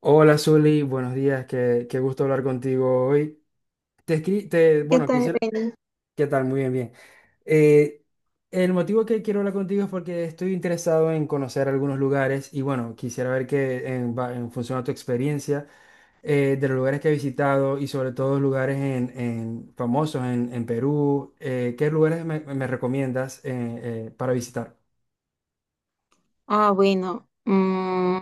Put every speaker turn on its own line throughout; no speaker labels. Hola Zuli, buenos días, qué gusto hablar contigo hoy. Te escri- te,
¿Qué
bueno,
tal,
quisiera,
Beni?
¿Qué tal? Muy bien, bien. Eh, el motivo que quiero hablar contigo es porque estoy interesado en conocer algunos lugares y bueno, quisiera ver que en función a tu experiencia, de los lugares que he visitado y sobre todo lugares famosos en Perú, ¿qué lugares me recomiendas para visitar?
Ah, bueno.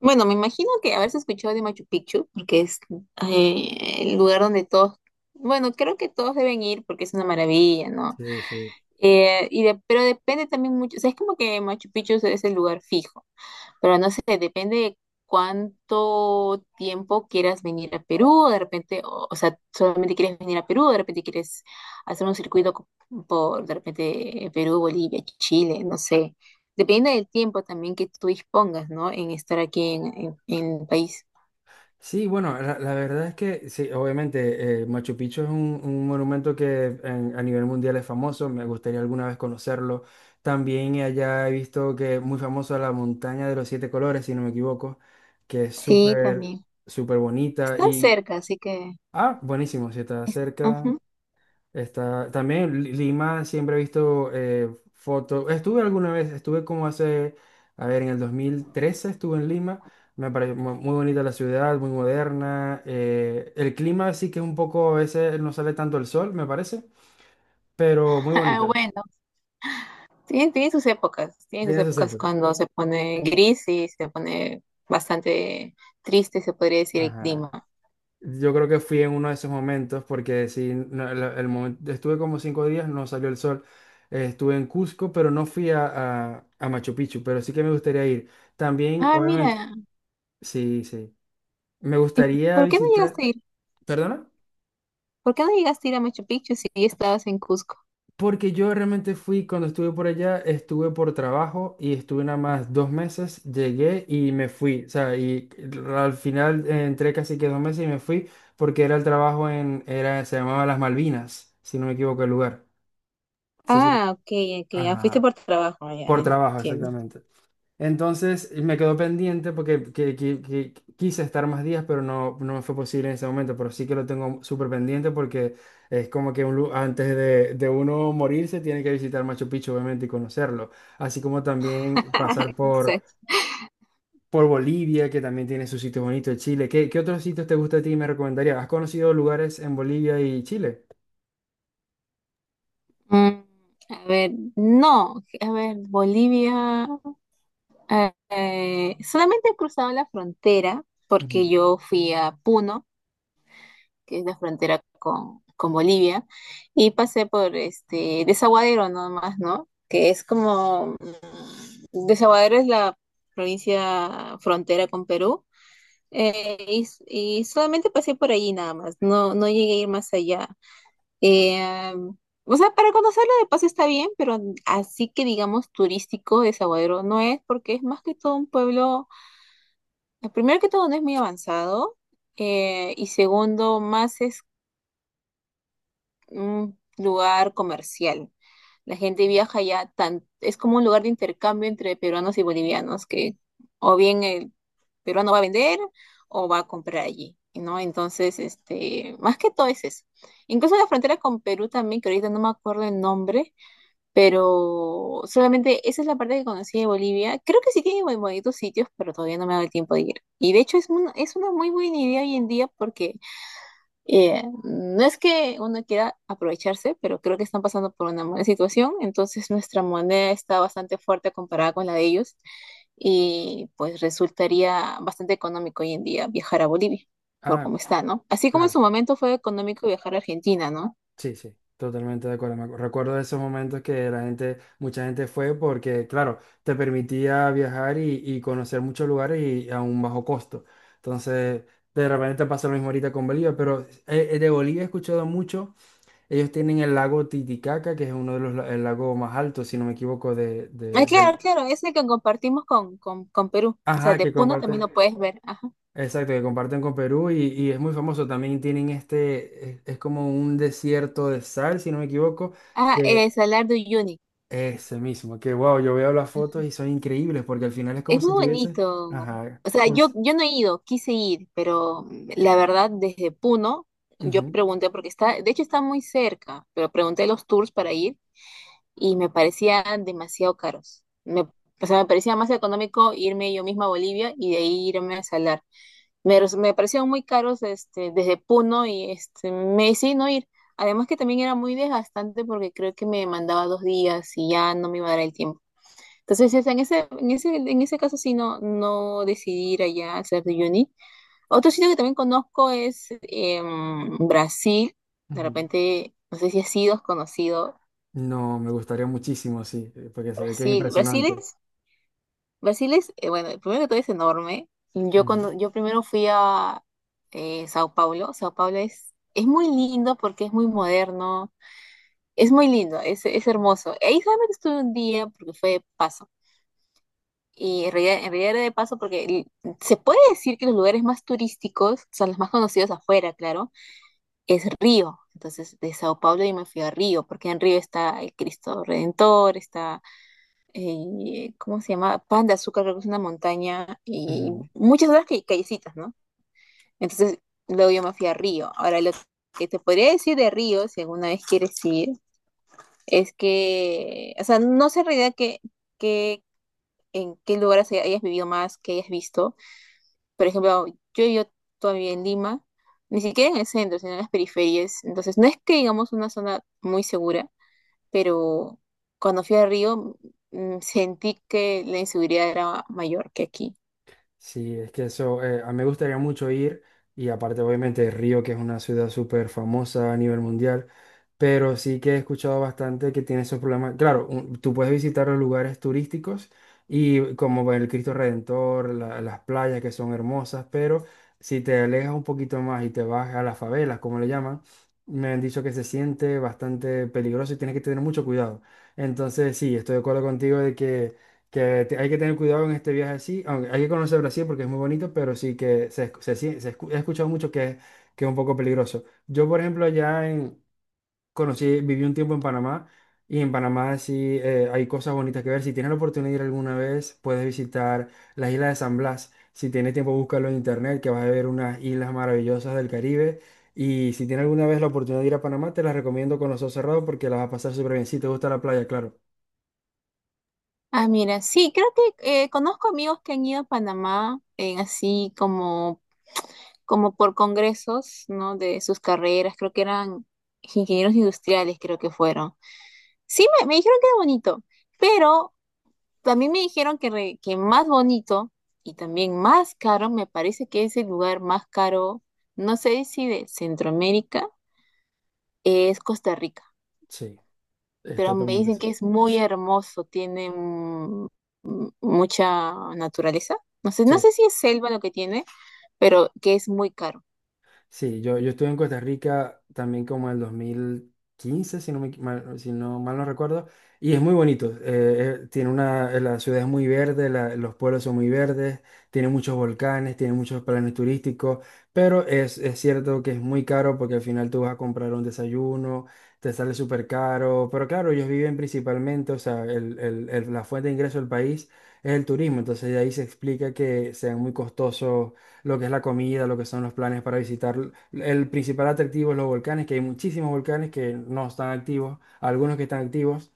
bueno, me imagino que haberse escuchado de Machu Picchu, porque es el lugar donde todos, bueno, creo que todos deben ir porque es una maravilla, ¿no?
Sí, sí.
Pero depende también mucho, o sea, es como que Machu Picchu es el lugar fijo, pero no sé, depende de cuánto tiempo quieras venir a Perú, de repente, o sea, solamente quieres venir a Perú, de repente quieres hacer un circuito por, de repente, Perú, Bolivia, Chile, no sé, depende del tiempo también que tú dispongas, ¿no? En estar aquí en el país.
Sí, bueno, la verdad es que sí, obviamente Machu Picchu es un monumento que en- a nivel mundial es famoso, me gustaría alguna vez conocerlo. También allá he visto que es muy famosa la montaña de los siete colores, si no me equivoco, que es
Sí,
súper,
también.
súper bonita
Están
y,
cerca, así que…
ah, buenísimo, si está cerca.
ujú.
Está, también Li- Lima siempre he visto fotos. Estuve alguna vez, estuve como hace, a ver, en el 2013 estuve en Lima. Me pareció mu- muy bonita la ciudad, muy moderna. El clima sí que es un poco, a veces no sale tanto el sol, me parece, pero muy
Ah,
bonita.
bueno. Tiene, tiene sus
Tiene sus
épocas
épocas.
cuando se pone gris y se pone bastante triste, se podría decir, el
Ajá.
clima.
Yo creo que fui en uno de esos momentos porque sí, no, momento, estuve como 5 días, no salió el sol. Estuve en Cusco, pero no fui a, a Machu Picchu, pero sí que me gustaría ir. También,
Ah,
obviamente,
mira,
sí, sí. Me
¿y
gustaría
por qué no llegaste
visitar,
a ir?
¿perdona?
¿Por qué no llegaste a ir a Machu Picchu si estabas en Cusco?
Porque yo realmente fui, cuando estuve por allá, estuve por trabajo y estuve nada más 2 meses, llegué y me fui. O sea, y al final entré casi que 2 meses y me fui porque era el trabajo en, era, se llamaba Las Malvinas, si no me equivoco el lugar. Sí, sí.
Ah, ok, ok, ya fuiste
Ajá,
por trabajo, ah, ya
por trabajo,
entiendo.
exactamente. Entonces me quedó pendiente porque que quise estar más días, pero no, no me fue posible en ese momento. Pero sí que lo tengo súper pendiente porque es como que un lu- antes de uno morirse tiene que visitar Machu Picchu, obviamente, y conocerlo. Así como también pasar
Exacto.
por Bolivia, que también tiene sus sitios bonitos, Chile. ¿Qué otros sitios te gusta a ti y me recomendarías? ¿Has conocido lugares en Bolivia y Chile?
Mm, a ver, no, a ver, Bolivia, solamente he cruzado la frontera porque
Ujú.
yo fui a Puno, que es la frontera con Bolivia, y pasé por este Desaguadero nomás, ¿no? Que es como, Desaguadero es la provincia frontera con Perú, y solamente pasé por allí nada más, no, no llegué a ir más allá. Eh, o sea, para conocerlo de paso está bien, pero así que digamos turístico Desaguadero no es, porque es más que todo un pueblo, primero que todo no es muy avanzado, y segundo, más es un lugar comercial. La gente viaja allá, tan, es como un lugar de intercambio entre peruanos y bolivianos, que o bien el peruano va a vender o va a comprar allí, ¿no? Entonces, este, más que todo es eso. Incluso la frontera con Perú también, que ahorita no me acuerdo el nombre, pero solamente esa es la parte que conocí de Bolivia. Creo que sí tiene muy bonitos sitios, pero todavía no me ha dado el tiempo de ir. Y de hecho es, es una muy buena idea hoy en día porque no es que uno quiera aprovecharse, pero creo que están pasando por una mala situación, entonces nuestra moneda está bastante fuerte comparada con la de ellos y pues resultaría bastante económico hoy en día viajar a Bolivia, por
Ah,
cómo está, ¿no? Así como en
claro.
su momento fue económico viajar a Argentina, ¿no?
Sí, sí, totalmente de acuerdo. Me acu- Recuerdo esos momentos que la gente, mucha gente fue porque, claro, te permitía viajar y conocer muchos lugares y a un bajo costo. Entonces, de repente te pasa lo mismo ahorita con Bolivia, pero de Bolivia he escuchado mucho. Ellos tienen el lago Titicaca, que es uno de los el lago más altos, si no me equivoco,
Ah,
de-
claro,
del...
claro, es el que compartimos con Perú, o sea,
Ajá,
de
que
Puno también
comparte.
lo puedes ver, ajá.
Exacto, que comparten con Perú y es muy famoso. También tienen este, es como un desierto de sal, si no me equivoco.
Ah, el Salar de Uyuni.
Ese mismo, que wow, yo veo las fotos y son increíbles porque al final es como
Es muy
si tuviese.
bonito.
Ajá.
O sea,
Como si-
yo no he ido, quise ir, pero la verdad, desde Puno, yo
ujú,
pregunté porque está, de hecho está muy cerca, pero pregunté los tours para ir y me parecían demasiado caros. Me, o sea, me parecía más económico irme yo misma a Bolivia y de ahí irme a Salar. Me, me parecieron muy caros este, desde Puno y este, me decidí no ir. Además que también era muy desgastante porque creo que me mandaba dos días y ya no me iba a dar el tiempo. Entonces, en ese, en ese, en ese caso sí no, no decidí ir allá al Cerro de Uyuni. Otro sitio que también conozco es Brasil. De
ujú.
repente, no sé si has sido conocido
No, me gustaría muchísimo, sí, porque se ve que es
Brasil.
impresionante.
Brasil es, bueno, primero que todo es enorme. Yo
Ujú,
cuando, yo primero fui a Sao Paulo. Sao Paulo es muy lindo porque es muy moderno. Es muy lindo, es hermoso. Ahí solamente estuve un día porque fue de paso. Y en realidad era de paso porque se puede decir que los lugares más turísticos, son los más conocidos afuera, claro, es Río. Entonces, de Sao Paulo yo me fui a Río, porque en Río está el Cristo Redentor, está, ¿cómo se llama? Pan de Azúcar, creo que es una montaña, y
ujú.
muchas otras callecitas, ¿no? Entonces, luego yo me fui a Río. Ahora, lo que te podría decir de Río, si alguna vez quieres ir, es que, o sea, no sé en realidad que, en qué lugares hayas vivido más, que hayas visto. Por ejemplo, yo vivo todavía en Lima, ni siquiera en el centro, sino en las periferias. Entonces, no es que digamos una zona muy segura, pero cuando fui a Río sentí que la inseguridad era mayor que aquí.
Sí, es que eso, a mí me gustaría mucho ir y aparte obviamente Río, que es una ciudad súper famosa a nivel mundial, pero sí que he escuchado bastante que tiene esos problemas. Claro, un- tú puedes visitar los lugares turísticos y como el Cristo Redentor, la- las playas que son hermosas, pero si te alejas un poquito más y te vas a las favelas, como le llaman, me han dicho que se siente bastante peligroso y tienes que tener mucho cuidado. Entonces, sí, estoy de acuerdo contigo de que te- hay que tener cuidado en este viaje así. Aunque hay que conocer Brasil porque es muy bonito, pero sí que se, escu- se, sien- se escu- he escuchado mucho que es un poco peligroso. Yo, por ejemplo, allá en, conocí, viví un tiempo en Panamá y en Panamá sí hay cosas bonitas que ver. Si tienes la oportunidad de ir alguna vez, puedes visitar las islas de San Blas. Si tienes tiempo, búscalo en internet, que vas a ver unas islas maravillosas del Caribe. Y si tienes alguna vez la oportunidad de ir a Panamá, te las recomiendo con los ojos cerrados porque las vas a pasar súper bien. Si te gusta la playa, claro.
Ah, mira, sí, creo que conozco amigos que han ido a Panamá en así como, como por congresos, ¿no? De sus carreras, creo que eran ingenieros industriales, creo que fueron. Sí, me dijeron que era bonito, pero también me dijeron que, que más bonito y también más caro, me parece que es el lugar más caro, no sé si de Centroamérica, es Costa Rica,
Sí, es
pero me
totalmente
dicen
eso.
que es muy hermoso, tiene mucha naturaleza. No sé, no
Sí.
sé si es selva lo que tiene, pero que es muy caro.
Sí, yo estuve en Costa Rica también como en el 2015, si no, me equi- mal, si no mal no recuerdo, y es muy bonito. Tiene una, la ciudad es muy verde, la- los pueblos son muy verdes, tiene muchos volcanes, tiene muchos planes turísticos, pero es cierto que es muy caro porque al final tú vas a comprar un desayuno, te sale súper caro, pero claro, ellos viven principalmente, o sea, la fuente de ingreso del país es el turismo, entonces de ahí se explica que sean muy costosos lo que es la comida, lo que son los planes para visitar. El principal atractivo es los volcanes, que hay muchísimos volcanes que no están activos, algunos que están activos,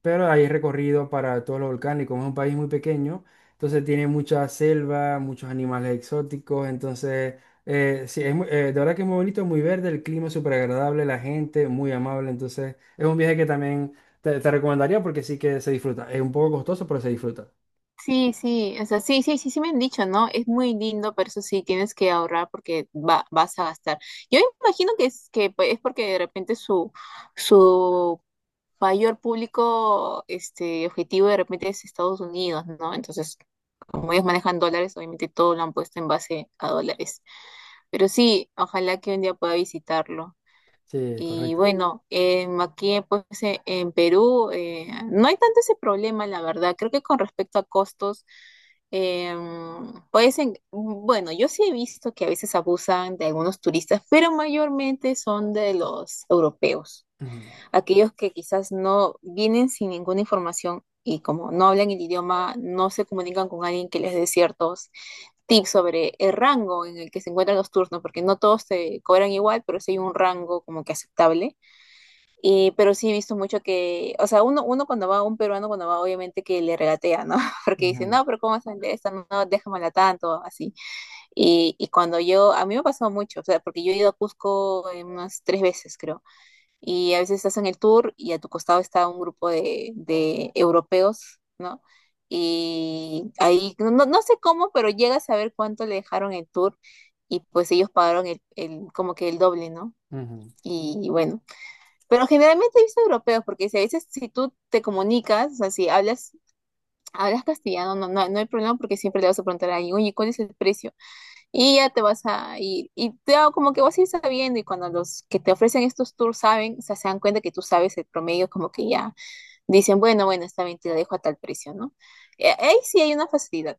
pero hay recorrido para todos los volcanes y como es un país muy pequeño, entonces tiene mucha selva, muchos animales exóticos, entonces sí, es muy- de verdad que es muy bonito, muy verde, el clima es súper agradable, la gente muy amable, entonces es un viaje que también te recomendaría porque sí que se disfruta. Es un poco costoso, pero se disfruta.
Sí, sí, o sea, sí, sí, sí, sí me han dicho, ¿no? Es muy lindo, pero eso sí, tienes que ahorrar porque va, vas a gastar. Yo imagino que es, que pues, es porque de repente su, su mayor público este, objetivo de repente es Estados Unidos, ¿no? Entonces, como ellos manejan dólares, obviamente todo lo han puesto en base a dólares. Pero sí, ojalá que un día pueda visitarlo.
Sí,
Y
correcto.
bueno, aquí pues en Perú no hay tanto ese problema, la verdad. Creo que con respecto a costos, pues bueno, yo sí he visto que a veces abusan de algunos turistas, pero mayormente son de los europeos
Ujú,
aquellos que quizás no vienen sin ninguna información y como no hablan el idioma, no se comunican con alguien que les dé ciertos tips sobre el rango en el que se encuentran los turnos, porque no todos se cobran igual, pero sí hay un rango como que aceptable. Y, pero sí he visto mucho que, o sea, uno, uno cuando va, un peruano cuando va, obviamente que le regatea, ¿no? Porque dice,
ujú,
no, pero ¿cómo vas a vender esta? No, no, déjamela tanto, así. Y cuando yo, a mí me ha pasado mucho, o sea, porque yo he ido a Cusco unas tres veces, creo, y a veces estás en el tour y a tu costado está un grupo de europeos, ¿no? Y ahí, no, no no sé cómo, pero llegas a ver cuánto le dejaron el tour y pues ellos pagaron como que el doble, ¿no?
ujú.
Y bueno, pero generalmente he visto europeos porque si a veces si tú te comunicas, o sea, si hablas, hablas castellano, no, no, no hay problema porque siempre le vas a preguntar a alguien, oye, ¿cuál es el precio? Y ya te vas a ir. Y te hago como que vas a ir sabiendo. Y cuando los que te ofrecen estos tours saben, o sea, se dan cuenta que tú sabes el promedio, como que ya dicen, bueno, bueno, está bien, te la dejo a tal precio, ¿no? Ahí sí hay una facilidad.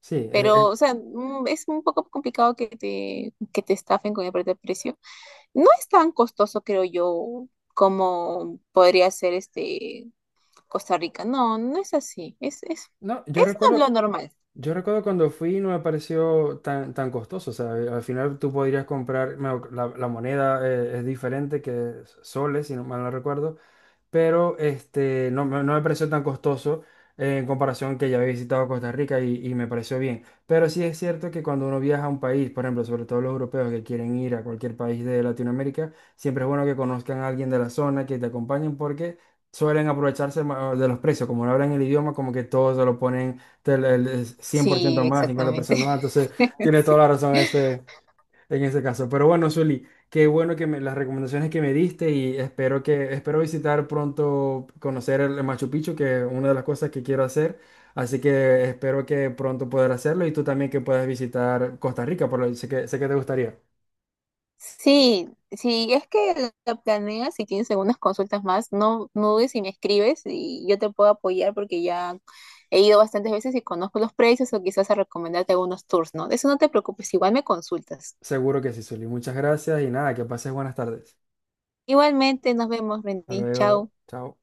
Sí,
Pero, o sea, es un poco complicado que te estafen con el precio. No es tan costoso, creo yo, como podría ser este Costa Rica. No, no es así.
no,
Es lo normal.
yo recuerdo cuando fui no me pareció tan costoso. O sea, al final tú podrías comprar, me- la moneda es diferente que soles, si no mal no recuerdo, pero este, no, me no me pareció tan costoso en comparación que ya había visitado Costa Rica y me pareció bien. Pero sí es cierto que cuando uno viaja a un país, por ejemplo, sobre todo los europeos que quieren ir a cualquier país de Latinoamérica, siempre es bueno que conozcan a alguien de la zona, que te acompañen porque... Suelen aprovecharse ma- de los precios, como no hablan el idioma, como que todos se lo ponen del- el 100 por ciento
Sí,
más, cincuenta por
exactamente.
ciento más, entonces tiene toda
Sí.
la razón este, en ese caso. Pero bueno, Zuli, qué bueno que me, las recomendaciones que me diste y espero que espero visitar pronto, conocer el Machu Picchu, que es una de las cosas que quiero hacer. Así que espero que pronto poder hacerlo y tú también que puedas visitar Costa Rica, por lo sé que te gustaría.
Sí, si es que la planeas y tienes algunas consultas más, no, no dudes y me escribes y yo te puedo apoyar porque ya he ido bastantes veces y conozco los precios o quizás a recomendarte algunos tours, ¿no? De eso no te preocupes, igual me consultas.
Seguro que sí, Zuli. Muchas gracias y nada, que pases buenas tardes.
Igualmente, nos vemos,
Hasta
Rendy.
luego.
Chao.
Chao.